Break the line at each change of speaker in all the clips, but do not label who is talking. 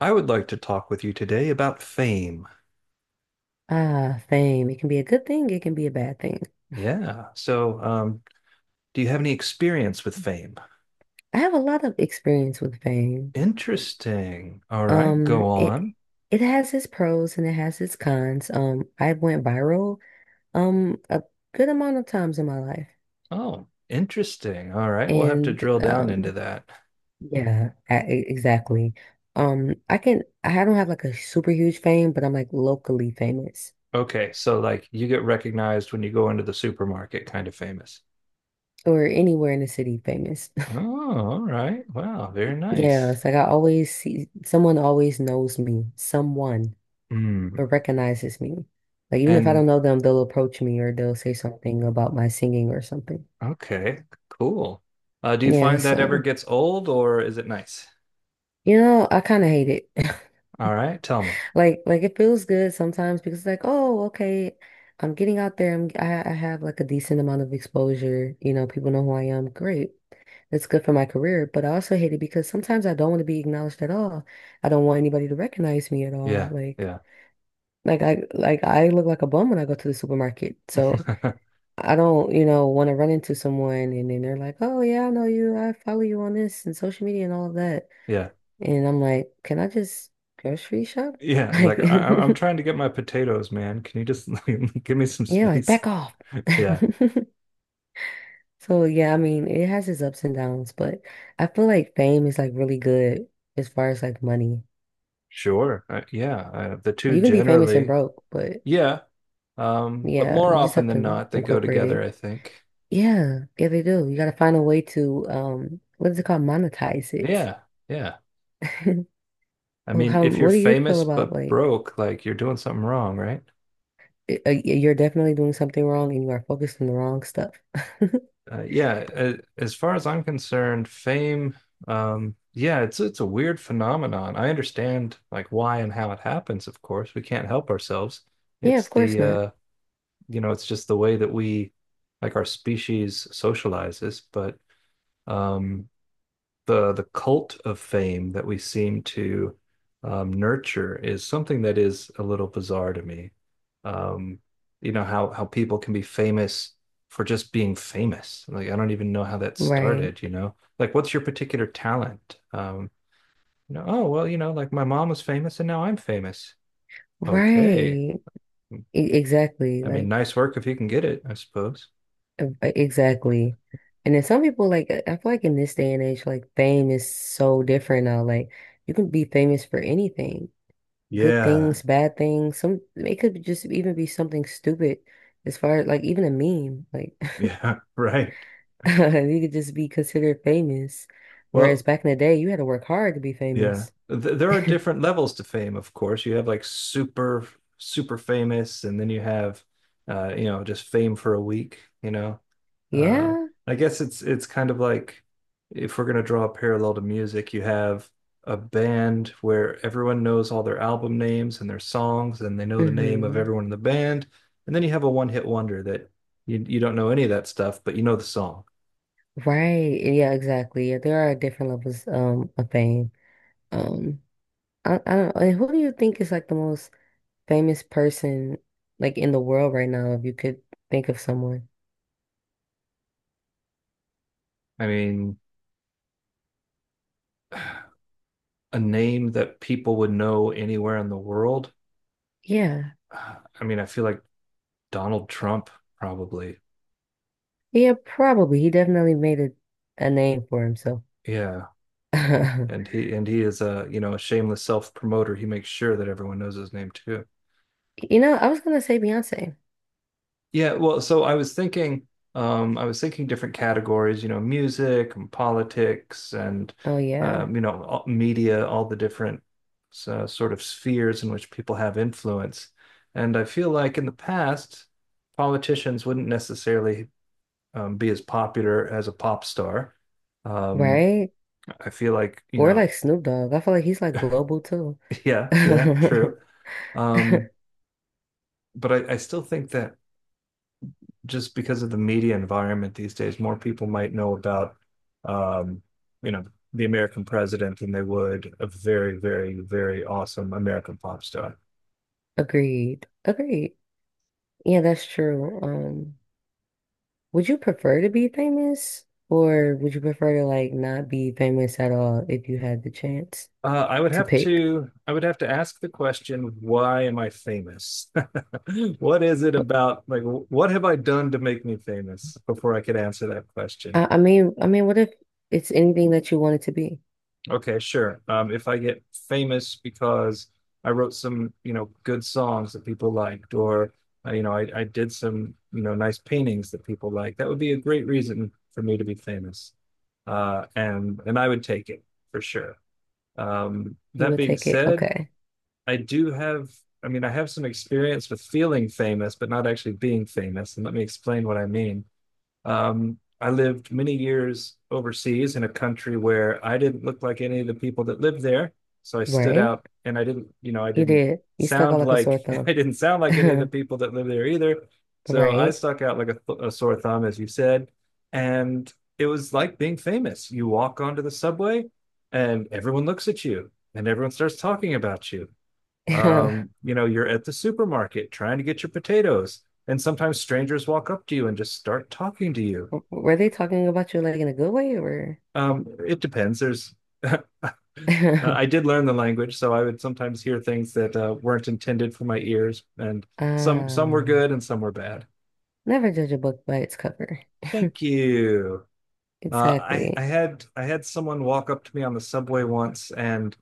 I would like to talk with you today about fame.
Ah, fame. It can be a good thing, it can be a bad thing.
Yeah. Do you have any experience with fame?
I have a lot of experience with fame.
Interesting. All right,
Um,
go
it
on.
it has its pros and it has its cons. I went viral a good amount of times in my life.
Oh, interesting. All right, we'll have to
And
drill down into that.
Yeah, exactly. I don't have like a super huge fame, but I'm like locally famous
Okay, so like you get recognized when you go into the supermarket, kind of famous.
or anywhere in the city famous.
Oh, all right. Wow, very
Yeah,
nice.
it's like I always see someone always knows me. Someone.
Hmm.
But recognizes me. Like even if I
And
don't know them, they'll approach me or they'll say something about my singing or something.
okay, cool. Do you
Yeah,
find that ever
so
gets old or is it nice?
I kind of hate it.
All right, tell me.
Like it feels good sometimes because like, oh, okay, I'm getting out there. I have like a decent amount of exposure. You know, people know who I am. Great. That's good for my career, but I also hate it because sometimes I don't want to be acknowledged at all. I don't want anybody to recognize me at all.
Yeah,
Like
yeah,
like I like I look like a bum when I go to the supermarket. So I don't, you know, want to run into someone and then they're like, "Oh yeah, I know you. I follow you on this and social media and all of that."
yeah.
And I'm like, "Can I just grocery shop?"
Yeah,
Like,
like I'm trying to get my potatoes, man. Can you just give me some
yeah, like
space?
back off.
Yeah,
So yeah, I mean, it has its ups and downs, but I feel like fame is like really good as far as like money.
sure. Yeah, the two
You can be famous and
generally,
broke, but
yeah. But
yeah,
more
you just
often
have
than
to
not, they go
incorporate
together,
it.
I think.
Yeah, yeah, they do. You got to find a way to what is it called? Monetize it.
Yeah, yeah. I
Well,
mean,
how,
if you're
what do you feel
famous
about
but
like
broke, like you're doing something wrong, right?
you're definitely doing something wrong and you are focused on the wrong stuff?
Yeah. As far as I'm concerned, fame, yeah, it's a weird phenomenon. I understand like why and how it happens, of course. We can't help ourselves.
Yeah,
It's
of course
the
not.
You know, it's just the way that we, like our species, socializes. But um, the cult of fame that we seem to nurture is something that is a little bizarre to me. Um, you know how people can be famous for just being famous. Like I don't even know how that
Right.
started. You know, like what's your particular talent? You know, oh well, you know, like my mom was famous and now I'm famous. Okay,
Right. E- exactly.
I mean,
Like
nice work if you can get it, I suppose.
e- exactly. And then some people like I feel like in this day and age, like fame is so different now. Like you can be famous for anything. Good
Yeah.
things, bad things. Some it could just even be something stupid as far as like even a meme. Like
Yeah, right.
you could just be considered famous. Whereas
Well,
back in the day, you had to work hard to be
yeah.
famous.
Th There are different levels to fame, of course. You have like super, super famous, and then you have, you know, just fame for a week, you know. Uh,
Yeah.
I guess it's kind of like if we're gonna draw a parallel to music, you have a band where everyone knows all their album names and their songs, and they know the name of
Hmm.
everyone in the band, and then you have a one-hit wonder that you don't know any of that stuff, but you know the song.
Right. Yeah, exactly. Yeah, there are different levels of fame. Um, I don't know. Who do you think is like the most famous person like in the world right now, if you could think of someone?
I mean. A name that people would know anywhere in the world,
Yeah.
I mean, I feel like Donald Trump probably.
Yeah, probably. He definitely made a name for himself.
Yeah. And, and he is a, you know, a shameless self promoter. He makes sure that everyone knows his name too.
You know, I was gonna say Beyonce.
Yeah, well, so I was thinking different categories, you know, music and politics and
Oh yeah.
you know, media, all the different sort of spheres in which people have influence. And I feel like in the past, politicians wouldn't necessarily be as popular as a pop star. Um,
Right?
I feel like, you
Or
know,
like Snoop Dogg. I feel like he's like global too.
yeah, yeah, true. Um, but I still think that just because of the media environment these days, more people might know about, um, you know, the American president than they would a very, very, very awesome American pop star.
Agreed. Agreed. Yeah, that's true. Would you prefer to be famous or would you prefer to like not be famous at all if you had the chance to pick?
I would have to ask the question, why am I famous? What is it about like what have I done to make me famous before I could answer that question?
I mean, what if it's anything that you wanted to be?
Okay, sure. If I get famous because I wrote some, you know, good songs that people liked, or you know, I did some, you know, nice paintings that people liked, that would be a great reason for me to be famous. And I would take it for sure.
You
That
would
being
take it.
said,
Okay.
I do have, I mean, I have some experience with feeling famous, but not actually being famous. And let me explain what I mean. I lived many years overseas in a country where I didn't look like any of the people that lived there. So I stood
Right?
out and I didn't, you know, I
You
didn't
did. You stuck
sound
out like a
like,
sore thumb.
I didn't sound like any of the people that live there either. So I
Right?
stuck out like a sore thumb, as you said. And it was like being famous. You walk onto the subway and everyone looks at you and everyone starts talking about you, you know, you're at the supermarket trying to get your potatoes, and sometimes strangers walk up to you and just start talking to you.
Were they talking about you like in a good way or?
It depends. There's, uh, I did learn the language, so I would sometimes hear things that weren't intended for my ears, and some were
Ah,
good and some were bad.
never judge a book by its cover.
Thank you.
Exactly.
I had someone walk up to me on the subway once and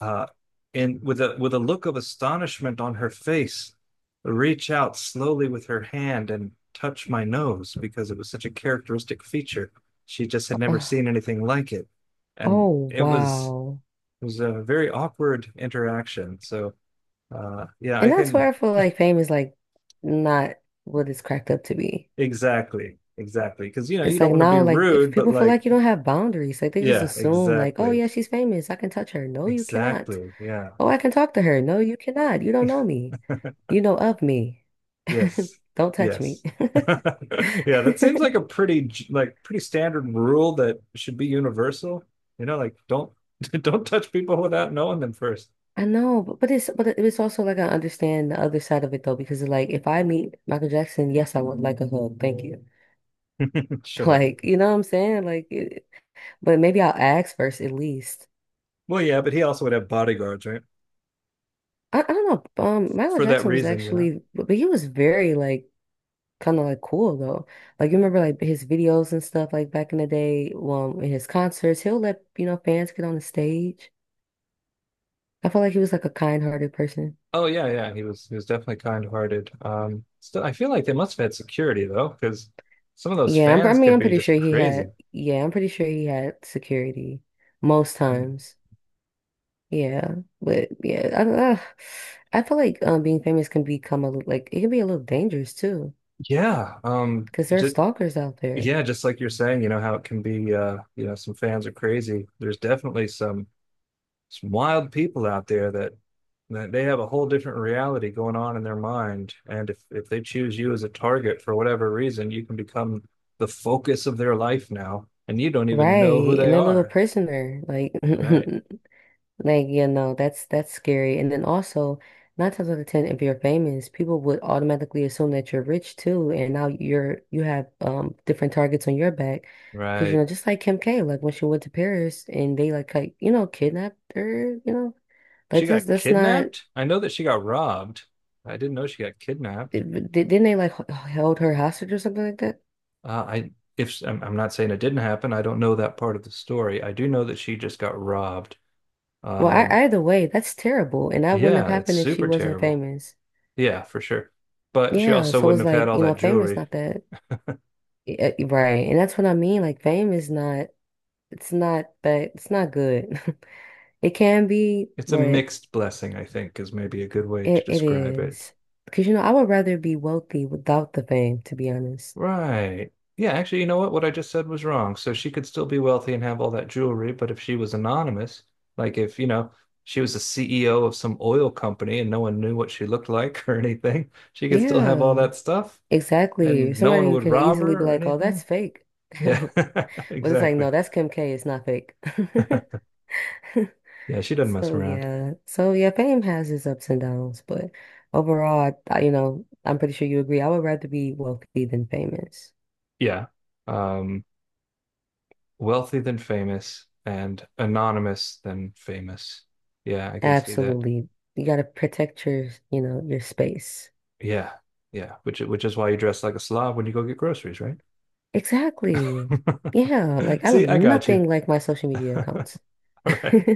uh, with a look of astonishment on her face, reach out slowly with her hand and touch my nose because it was such a characteristic feature. She just had
Ugh.
never seen anything like it, and
Oh, wow.
it was a very awkward interaction. So yeah, I
And that's where
can.
I feel like fame is like not what it's cracked up to be.
Exactly, exactly, because you know you
It's
don't
like
want to be
now, like if
rude, but
people feel
like
like you don't have boundaries, like they just
yeah,
assume like, oh
exactly,
yeah, she's famous. I can touch her. No, you cannot.
exactly, yeah.
Oh, I can talk to her. No, you cannot. You don't know me. You know of me.
Yes.
Don't touch me.
Yes. Yeah, that seems like a pretty like pretty standard rule that should be universal. You know, like don't don't touch people without knowing them first.
I know, but it's but it- it's also like I understand the other side of it though, because like if I meet Michael Jackson, yes, I would like a hug. Thank you.
Sure.
Like, you know what I'm saying? Like it, but maybe I'll ask first at least.
Well, yeah, but he also would have bodyguards, right?
I don't know. Michael
For that
Jackson was
reason, you know.
actually, but he was very like kind of like cool though. Like you remember like his videos and stuff like back in the day, in his concerts, he'll let you know fans get on the stage. I felt like he was like a kind-hearted person.
Oh yeah, yeah. He was definitely kind-hearted. Still, I feel like they must have had security though, because some of those
I
fans
mean,
could
I'm
be
pretty
just
sure he had.
crazy.
Yeah, I'm pretty sure he had security most
Um,
times. Yeah, but yeah, I don't know. I feel like being famous can become like it can be a little dangerous too,
Yeah.
because there are
Just,
stalkers out there.
yeah, just like you're saying, you know how it can be. You know, some fans are crazy. There's definitely some wild people out there that they have a whole different reality going on in their mind. And if they choose you as a target for whatever reason, you can become the focus of their life now, and you don't even know who
Right,
they
and their little
are.
prisoner, like,
Right,
like you know, that's scary. And then also, nine times out of ten, if you're famous, people would automatically assume that you're rich too, and now you have different targets on your back, because you
right.
know, just like Kim K, like when she went to Paris and they like you know kidnapped her, you know,
She
like this
got
that's not
kidnapped. I know that she got robbed. I didn't know she got kidnapped.
didn't they held her hostage or something like that?
I if I'm, I'm not saying it didn't happen. I don't know that part of the story. I do know that she just got robbed.
Well, I,
Um,
either way, that's terrible, and that wouldn't have
yeah, it's
happened if she
super
wasn't
terrible.
famous.
Yeah, for sure. But she
Yeah,
also
so
wouldn't
it's
have had
like,
all
you know,
that
famous,
jewelry.
not that. Yeah, e, right. And that's what I mean. Like fame is not it's not that it's not good. It can be,
It's a
but
mixed blessing, I think, is maybe a good way to
it
describe it.
is. Because you know, I would rather be wealthy without the fame, to be honest.
Right. Yeah, actually, you know what? What I just said was wrong. So she could still be wealthy and have all that jewelry, but if she was anonymous, like if, you know, she was the CEO of some oil company and no one knew what she looked like or anything, she could still have all
Yeah,
that stuff
exactly.
and no
Somebody
one
who
would
could
rob
easily be
her or
like, "Oh, that's
anything.
fake."
Yeah,
But it's like, "No,
exactly.
that's Kim K. It's not fake."
Yeah, she doesn't mess
So
around.
yeah. So yeah, fame has its ups and downs, but overall, you know, I'm pretty sure you agree. I would rather be wealthy than famous.
Yeah. Um, wealthy than famous and anonymous than famous. Yeah, I can see that.
Absolutely. You got to protect your, you know, your space.
Yeah. Yeah, which is why you dress like a slob when you go get groceries, right?
Exactly. Yeah, like I look
See, I got you.
nothing like my social media
All
accounts.
right.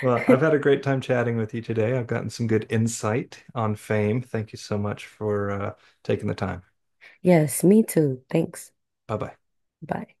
Well, I've had a great time chatting with you today. I've gotten some good insight on fame. Thank you so much for taking the time.
Yes, me too. Thanks.
Bye bye.
Bye.